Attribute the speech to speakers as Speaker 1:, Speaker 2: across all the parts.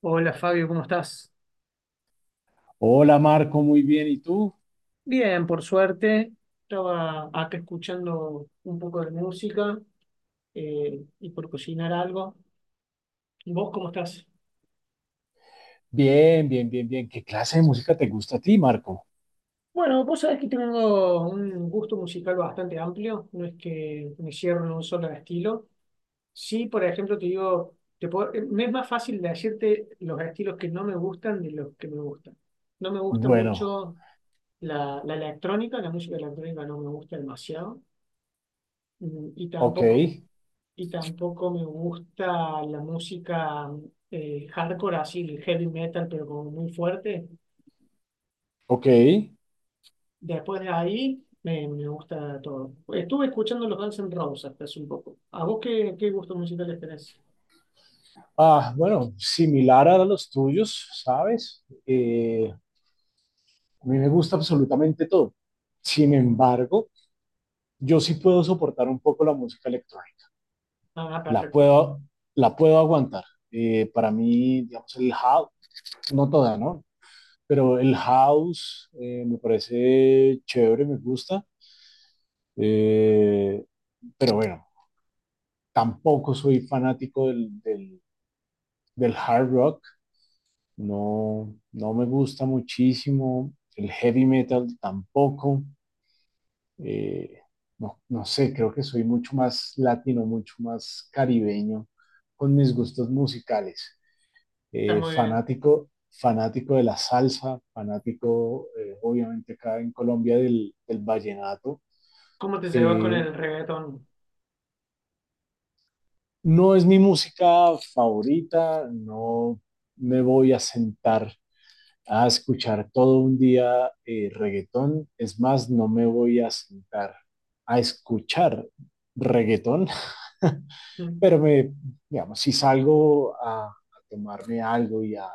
Speaker 1: Hola Fabio, ¿cómo estás?
Speaker 2: Hola Marco, muy bien. ¿Y tú?
Speaker 1: Bien, por suerte. Estaba acá escuchando un poco de música, y por cocinar algo. ¿Vos cómo estás?
Speaker 2: Bien, bien, bien, bien. ¿Qué clase de música te gusta a ti, Marco?
Speaker 1: Bueno, vos sabés que tengo un gusto musical bastante amplio, no es que me cierro en un solo estilo. Sí, por ejemplo, te digo, me es más fácil decirte los estilos que no me gustan de los que me gustan. No me gusta
Speaker 2: Bueno,
Speaker 1: mucho la electrónica, la música electrónica no me gusta demasiado. Mm, y
Speaker 2: ok,
Speaker 1: tampoco, y tampoco me gusta la música hardcore, así el heavy metal, pero como muy fuerte.
Speaker 2: ok.
Speaker 1: Después de ahí me gusta todo. Estuve escuchando los Guns N' Roses hasta hace un poco. ¿A vos qué gustos musicales tenés?
Speaker 2: Ah, bueno, similar a los tuyos, ¿sabes? A mí me gusta absolutamente todo. Sin embargo, yo sí puedo soportar un poco la música electrónica.
Speaker 1: Ah,
Speaker 2: La
Speaker 1: perfecto.
Speaker 2: puedo, la puedo aguantar. Para mí, digamos, el house, no toda, ¿no? Pero el house me parece chévere, me gusta. Eh, pero bueno, tampoco soy fanático del hard rock, no, no me gusta muchísimo, el heavy metal tampoco, eh, no, no sé, creo que soy mucho más latino, mucho más caribeño con mis gustos musicales,
Speaker 1: Está muy bien.
Speaker 2: fanático, fanático de la salsa, fanático obviamente acá en Colombia del vallenato.
Speaker 1: ¿Cómo te llevas con
Speaker 2: Eh,
Speaker 1: el reggaetón?
Speaker 2: No es mi música favorita, no me voy a sentar a escuchar todo un día reggaetón, es más, no me voy a sentar a escuchar reggaetón,
Speaker 1: Mm.
Speaker 2: pero me, digamos, si salgo a tomarme algo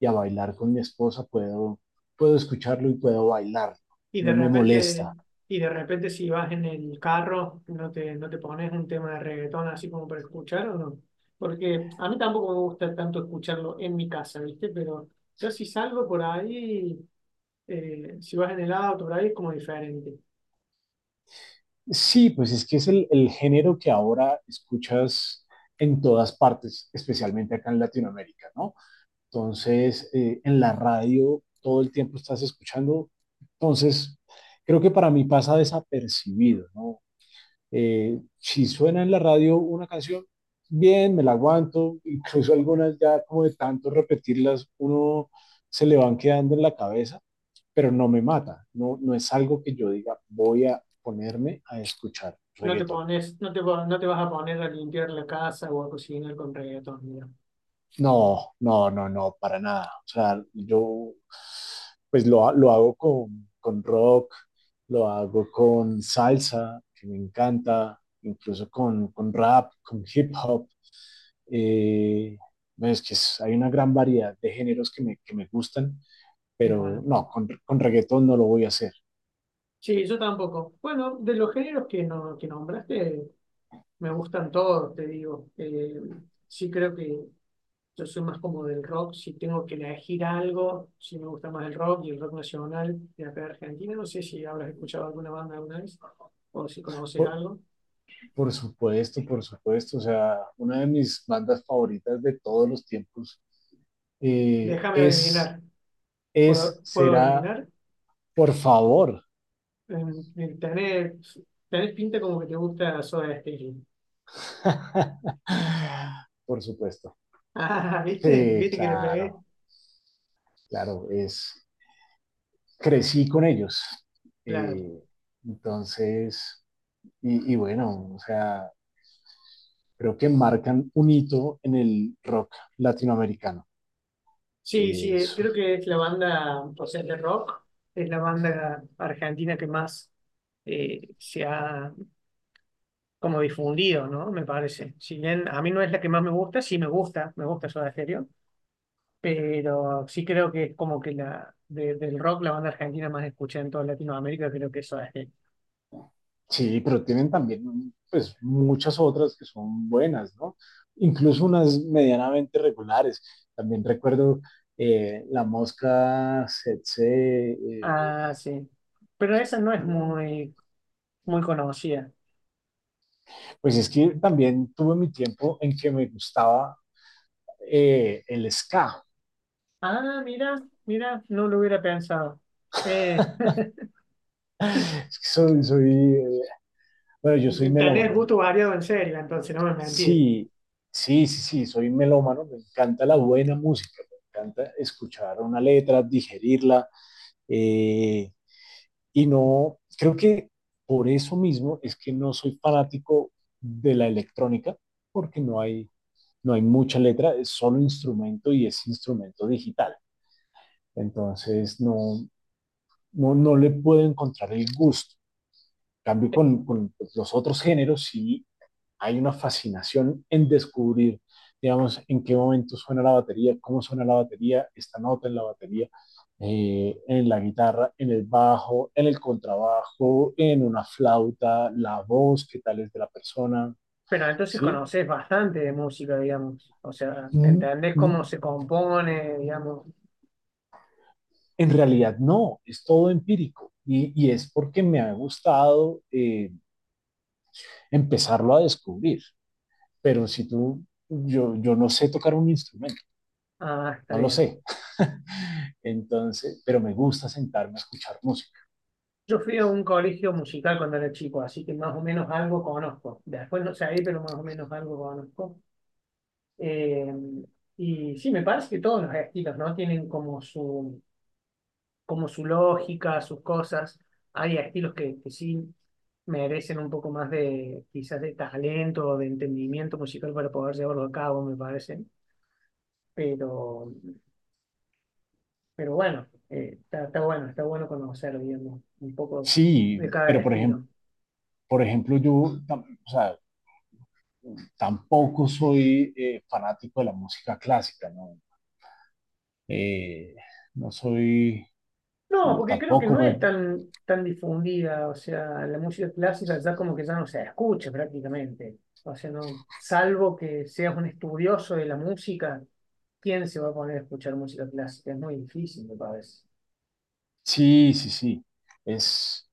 Speaker 2: y a bailar con mi esposa, puedo, puedo escucharlo y puedo bailar,
Speaker 1: Y de
Speaker 2: no me
Speaker 1: repente,
Speaker 2: molesta.
Speaker 1: y de repente si vas en el carro, no te pones un tema de reggaetón así como para escuchar o no. Porque a mí tampoco me gusta tanto escucharlo en mi casa, ¿viste? Pero yo si salgo por ahí, si vas en el auto por ahí es como diferente.
Speaker 2: Sí, pues es que es el género que ahora escuchas en todas partes, especialmente acá en Latinoamérica, ¿no? Entonces, en la radio todo el tiempo estás escuchando. Entonces, creo que para mí pasa desapercibido, ¿no? Si suena en la radio una canción, bien, me la aguanto, incluso algunas ya como de tanto repetirlas, uno se le van quedando en la cabeza, pero no me mata, no, no es algo que yo diga voy a ponerme a escuchar
Speaker 1: No te
Speaker 2: reggaetón.
Speaker 1: pones, no te vas a poner a limpiar la casa o a cocinar con reggaetón, mira.
Speaker 2: No, no, no, no, para nada. O sea, yo pues lo hago con rock, lo hago con salsa, que me encanta, incluso con rap, con hip hop. Eh, no, es que es, hay una gran variedad de géneros que me gustan,
Speaker 1: Qué
Speaker 2: pero
Speaker 1: bueno.
Speaker 2: no, con reggaetón no lo voy a hacer.
Speaker 1: Sí, yo tampoco. Bueno, de los géneros que, no, que nombraste, me gustan todos, te digo. Sí creo que yo soy más como del rock. Si tengo que elegir algo, sí me gusta más el rock y el rock nacional de acá de Argentina. No sé si habrás escuchado alguna banda alguna vez o si conoces algo.
Speaker 2: Por supuesto, por supuesto. O sea, una de mis bandas favoritas de todos los tiempos eh,
Speaker 1: Déjame
Speaker 2: es,
Speaker 1: adivinar.
Speaker 2: es,
Speaker 1: ¿Puedo
Speaker 2: será,
Speaker 1: adivinar?
Speaker 2: por favor.
Speaker 1: Eh, tenés, tenés pinta como que te gusta Soda Stereo.
Speaker 2: Por supuesto.
Speaker 1: Ah, ¿viste?
Speaker 2: Sí
Speaker 1: ¿Viste que le pegué?
Speaker 2: claro, claro, es, crecí con ellos.
Speaker 1: Claro.
Speaker 2: Eh, entonces, y, bueno, o sea, creo que marcan un hito en el rock latinoamericano.
Speaker 1: Sí, sí,
Speaker 2: Es
Speaker 1: creo que es la banda, o sea, de rock, es la banda argentina que más se ha como difundido, ¿no? Me parece. Si bien a mí no es la que más me gusta, sí me gusta Soda Stereo, pero sí creo que es como que del rock, la banda argentina más escuchada en toda Latinoamérica, creo que es Soda Stereo.
Speaker 2: sí, pero tienen también pues muchas otras que son buenas, ¿no? Incluso unas medianamente regulares. También recuerdo La Mosca, Setse,
Speaker 1: Ah, sí. Pero esa no es muy conocida.
Speaker 2: pues es que también tuve mi tiempo en que me gustaba el ska.
Speaker 1: Ah, mira, no lo hubiera pensado. Eh,
Speaker 2: Es que bueno, yo soy
Speaker 1: tenés
Speaker 2: melómano.
Speaker 1: gusto variado en serio, entonces no me mentí.
Speaker 2: Sí, sí, sí, sí, soy melómano. Me encanta la buena música, me encanta escuchar una letra, digerirla. eh, Y no, creo que por eso mismo es que no soy fanático de la electrónica, porque no hay, no hay mucha letra, es solo instrumento y es instrumento digital. Entonces no, no, no le puedo encontrar el gusto. En cambio con los otros géneros sí hay una fascinación en descubrir, digamos, en qué momento suena la batería, cómo suena la batería, esta nota en la batería, en la guitarra, en el bajo, en el contrabajo, en una flauta, la voz, qué tal es de la persona,
Speaker 1: Pero entonces
Speaker 2: ¿sí?
Speaker 1: conoces bastante de música, digamos. O sea,
Speaker 2: Mm,
Speaker 1: entendés
Speaker 2: mm,
Speaker 1: cómo se compone, digamos.
Speaker 2: en realidad no, es todo empírico y es porque me ha gustado empezarlo a descubrir, pero si tú, yo no sé tocar un instrumento,
Speaker 1: Ah, está
Speaker 2: no lo
Speaker 1: bien.
Speaker 2: sé. Entonces, pero me gusta sentarme a escuchar música.
Speaker 1: Yo fui a un colegio musical cuando era chico, así que más o menos algo conozco. Después no sé ahí, pero más o menos algo conozco. Eh, y sí, me parece que todos los estilos, ¿no? Tienen como como su lógica, sus cosas. Hay estilos que sí merecen un poco más de, quizás de talento o de entendimiento musical para poder llevarlo a cabo, me parece, pero Pero bueno, está, está bueno conocer, digamos, un poco de
Speaker 2: Sí,
Speaker 1: cada
Speaker 2: pero
Speaker 1: estilo.
Speaker 2: por ejemplo, yo tam- o sea, tampoco soy fanático de la música clásica, ¿no? Eh, no soy,
Speaker 1: No,
Speaker 2: no,
Speaker 1: porque creo que
Speaker 2: tampoco
Speaker 1: no
Speaker 2: me...
Speaker 1: es tan difundida, o sea, la música clásica ya como que ya no se escucha prácticamente. O sea, no, salvo que seas un estudioso de la música, ¿quién se va a poner a escuchar música clásica? Es muy difícil, me parece.
Speaker 2: Sí, sí, sí. Es,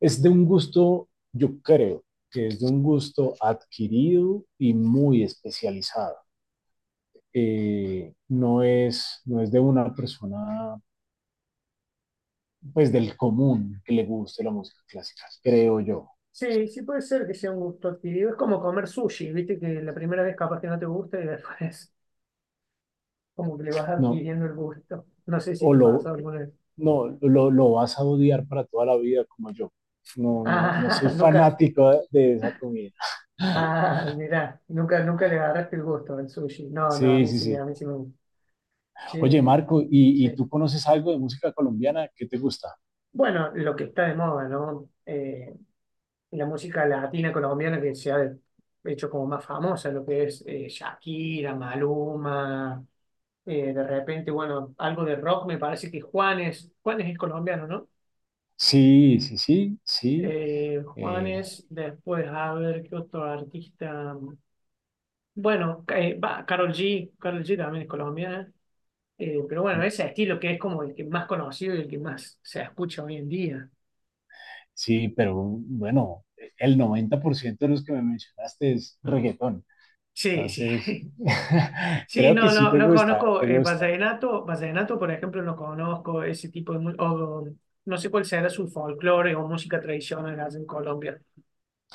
Speaker 2: es de un gusto, yo creo que es de un gusto adquirido y muy especializado. No es, no es de una persona pues del común que le guste la música clásica, creo yo.
Speaker 1: Sí, sí puede ser que sea un gusto adquirido. Es como comer sushi, viste que la primera vez capaz que no te gusta y después como que le vas
Speaker 2: No,
Speaker 1: adquiriendo el gusto. No sé si
Speaker 2: o
Speaker 1: te pasó
Speaker 2: lo,
Speaker 1: alguna vez.
Speaker 2: no, lo vas a odiar para toda la vida como yo. No, no, no soy
Speaker 1: Ah, nunca,
Speaker 2: fanático de esa comida.
Speaker 1: ah, mira, nunca, nunca le agarraste el gusto al sushi. No, no,
Speaker 2: Sí, sí,
Speaker 1: a
Speaker 2: sí.
Speaker 1: mí sí me gusta.
Speaker 2: Oye,
Speaker 1: Sí,
Speaker 2: Marco, y
Speaker 1: sí.
Speaker 2: tú conoces algo de música colombiana? ¿Qué te gusta?
Speaker 1: Bueno, lo que está de moda, ¿no? La música latina colombiana que se ha hecho como más famosa, lo que es Shakira, Maluma, de repente, bueno, algo de rock, me parece que Juanes, Juanes es colombiano, ¿no?
Speaker 2: Sí, sí, sí, sí. eh,
Speaker 1: Juanes, después, a ver, ¿qué otro artista? Bueno, va, Karol G, Karol G también es colombiana. Pero bueno, ese estilo que es como el que más conocido y el que más se escucha hoy en día.
Speaker 2: sí, pero bueno, el 90% de los que me mencionaste es reggaetón.
Speaker 1: Sí, sí.
Speaker 2: Entonces,
Speaker 1: Sí,
Speaker 2: creo que
Speaker 1: no,
Speaker 2: sí
Speaker 1: no,
Speaker 2: te
Speaker 1: no
Speaker 2: gusta,
Speaker 1: conozco
Speaker 2: te gusta.
Speaker 1: vallenato. Vallenato, por ejemplo, no conozco ese tipo de... no sé cuál será su folclore o música tradicional allá en Colombia.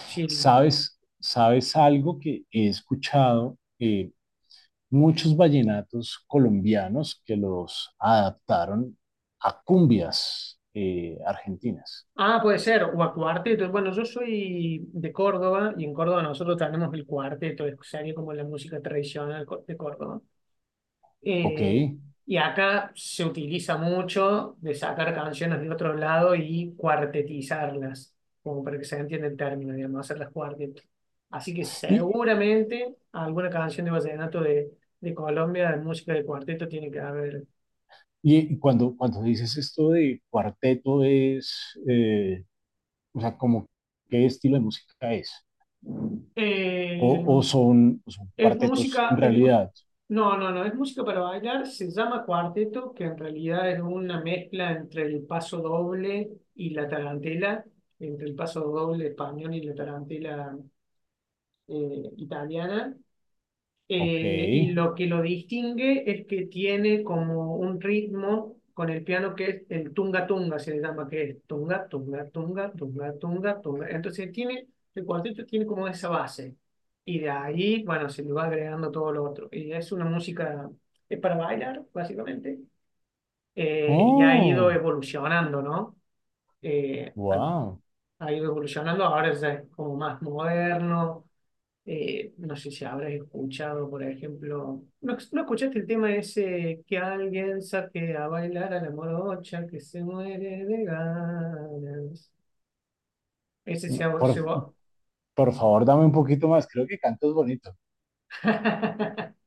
Speaker 1: Sí.
Speaker 2: ¿Sabes, sabes algo que he escuchado? Muchos vallenatos colombianos que los adaptaron a cumbias argentinas,
Speaker 1: Ah, puede ser. O a cuarteto. Bueno, yo soy de Córdoba y en Córdoba nosotros tenemos el cuarteto. Sería como la música tradicional de Córdoba.
Speaker 2: ¿ok?
Speaker 1: Eh, y acá se utiliza mucho de sacar canciones de otro lado y cuartetizarlas, como para que se entienda el término, digamos, hacerlas cuarteto. Así que
Speaker 2: Y,
Speaker 1: seguramente alguna canción de vallenato de Colombia, de música de cuarteto, tiene que haber.
Speaker 2: y cuando, cuando dices esto de cuarteto es, o sea, como qué estilo de música es,
Speaker 1: Eh,
Speaker 2: o son
Speaker 1: Es
Speaker 2: cuartetos en
Speaker 1: música, es mus-
Speaker 2: realidad,
Speaker 1: No, no, no, es música para bailar, se llama cuarteto, que en realidad es una mezcla entre el paso doble y la tarantela, entre el paso doble español y la tarantela italiana,
Speaker 2: ¿ok?
Speaker 1: y lo que lo distingue es que tiene como un ritmo con el piano que es el tunga tunga, se le llama que es tunga, tunga, tunga, tunga, tunga, tunga. Entonces tiene, el cuarteto tiene como esa base y de ahí, bueno, se le va agregando todo lo otro. Y es una música, es para bailar, básicamente, y ha ido
Speaker 2: Oh,
Speaker 1: evolucionando, ¿no? Eh, ha,
Speaker 2: wow.
Speaker 1: ha ido evolucionando, ahora es como más moderno. No sé si habrás escuchado, por ejemplo, ¿no escuchaste el tema ese que alguien saque a bailar a la morocha que se muere de ganas? Ese se va.
Speaker 2: Por,
Speaker 1: Se va.
Speaker 2: por favor, dame un poquito más, creo que cantas bonito.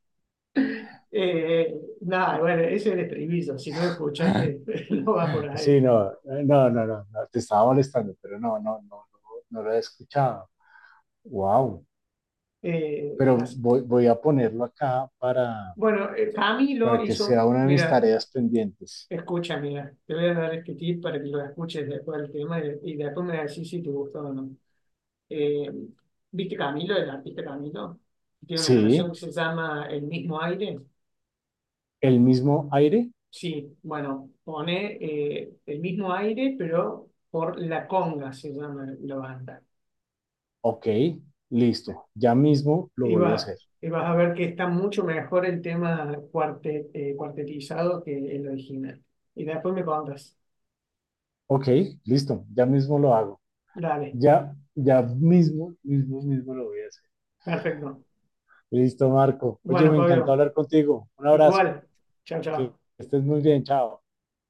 Speaker 1: Eh, Nada, bueno, ese es el estribillo. Si no lo escuchaste, no va por ahí.
Speaker 2: Sí, no, no, no, no, no, te estaba molestando, pero no, no, no, no, no lo he escuchado. Wow, pero
Speaker 1: Así.
Speaker 2: voy, voy a ponerlo acá
Speaker 1: Bueno,
Speaker 2: para
Speaker 1: Camilo
Speaker 2: que
Speaker 1: hizo,
Speaker 2: sea una de mis
Speaker 1: mira,
Speaker 2: tareas pendientes.
Speaker 1: escucha, mira, te voy a dar este tip para que lo escuches después del tema y después me decís si te gustó o no. Eh, ¿Viste Camilo, el artista Camilo? Tiene una canción
Speaker 2: Sí,
Speaker 1: que se llama El mismo aire.
Speaker 2: el mismo aire,
Speaker 1: Sí, bueno, pone el mismo aire, pero por La Conga se llama la banda.
Speaker 2: ok, listo, ya mismo lo
Speaker 1: Y,
Speaker 2: voy a
Speaker 1: va-
Speaker 2: hacer.
Speaker 1: y vas a ver que está mucho mejor el tema cuartetizado que el original. Y después me contas.
Speaker 2: Ok, listo, ya mismo lo hago.
Speaker 1: Dale,
Speaker 2: Ya, ya mismo, mismo, mismo lo voy a hacer.
Speaker 1: perfecto.
Speaker 2: Listo, Marco. Oye,
Speaker 1: Bueno,
Speaker 2: me encantó
Speaker 1: Fabio,
Speaker 2: hablar contigo. Un abrazo,
Speaker 1: igual. Chao,
Speaker 2: que
Speaker 1: chao.
Speaker 2: estés muy bien, chao.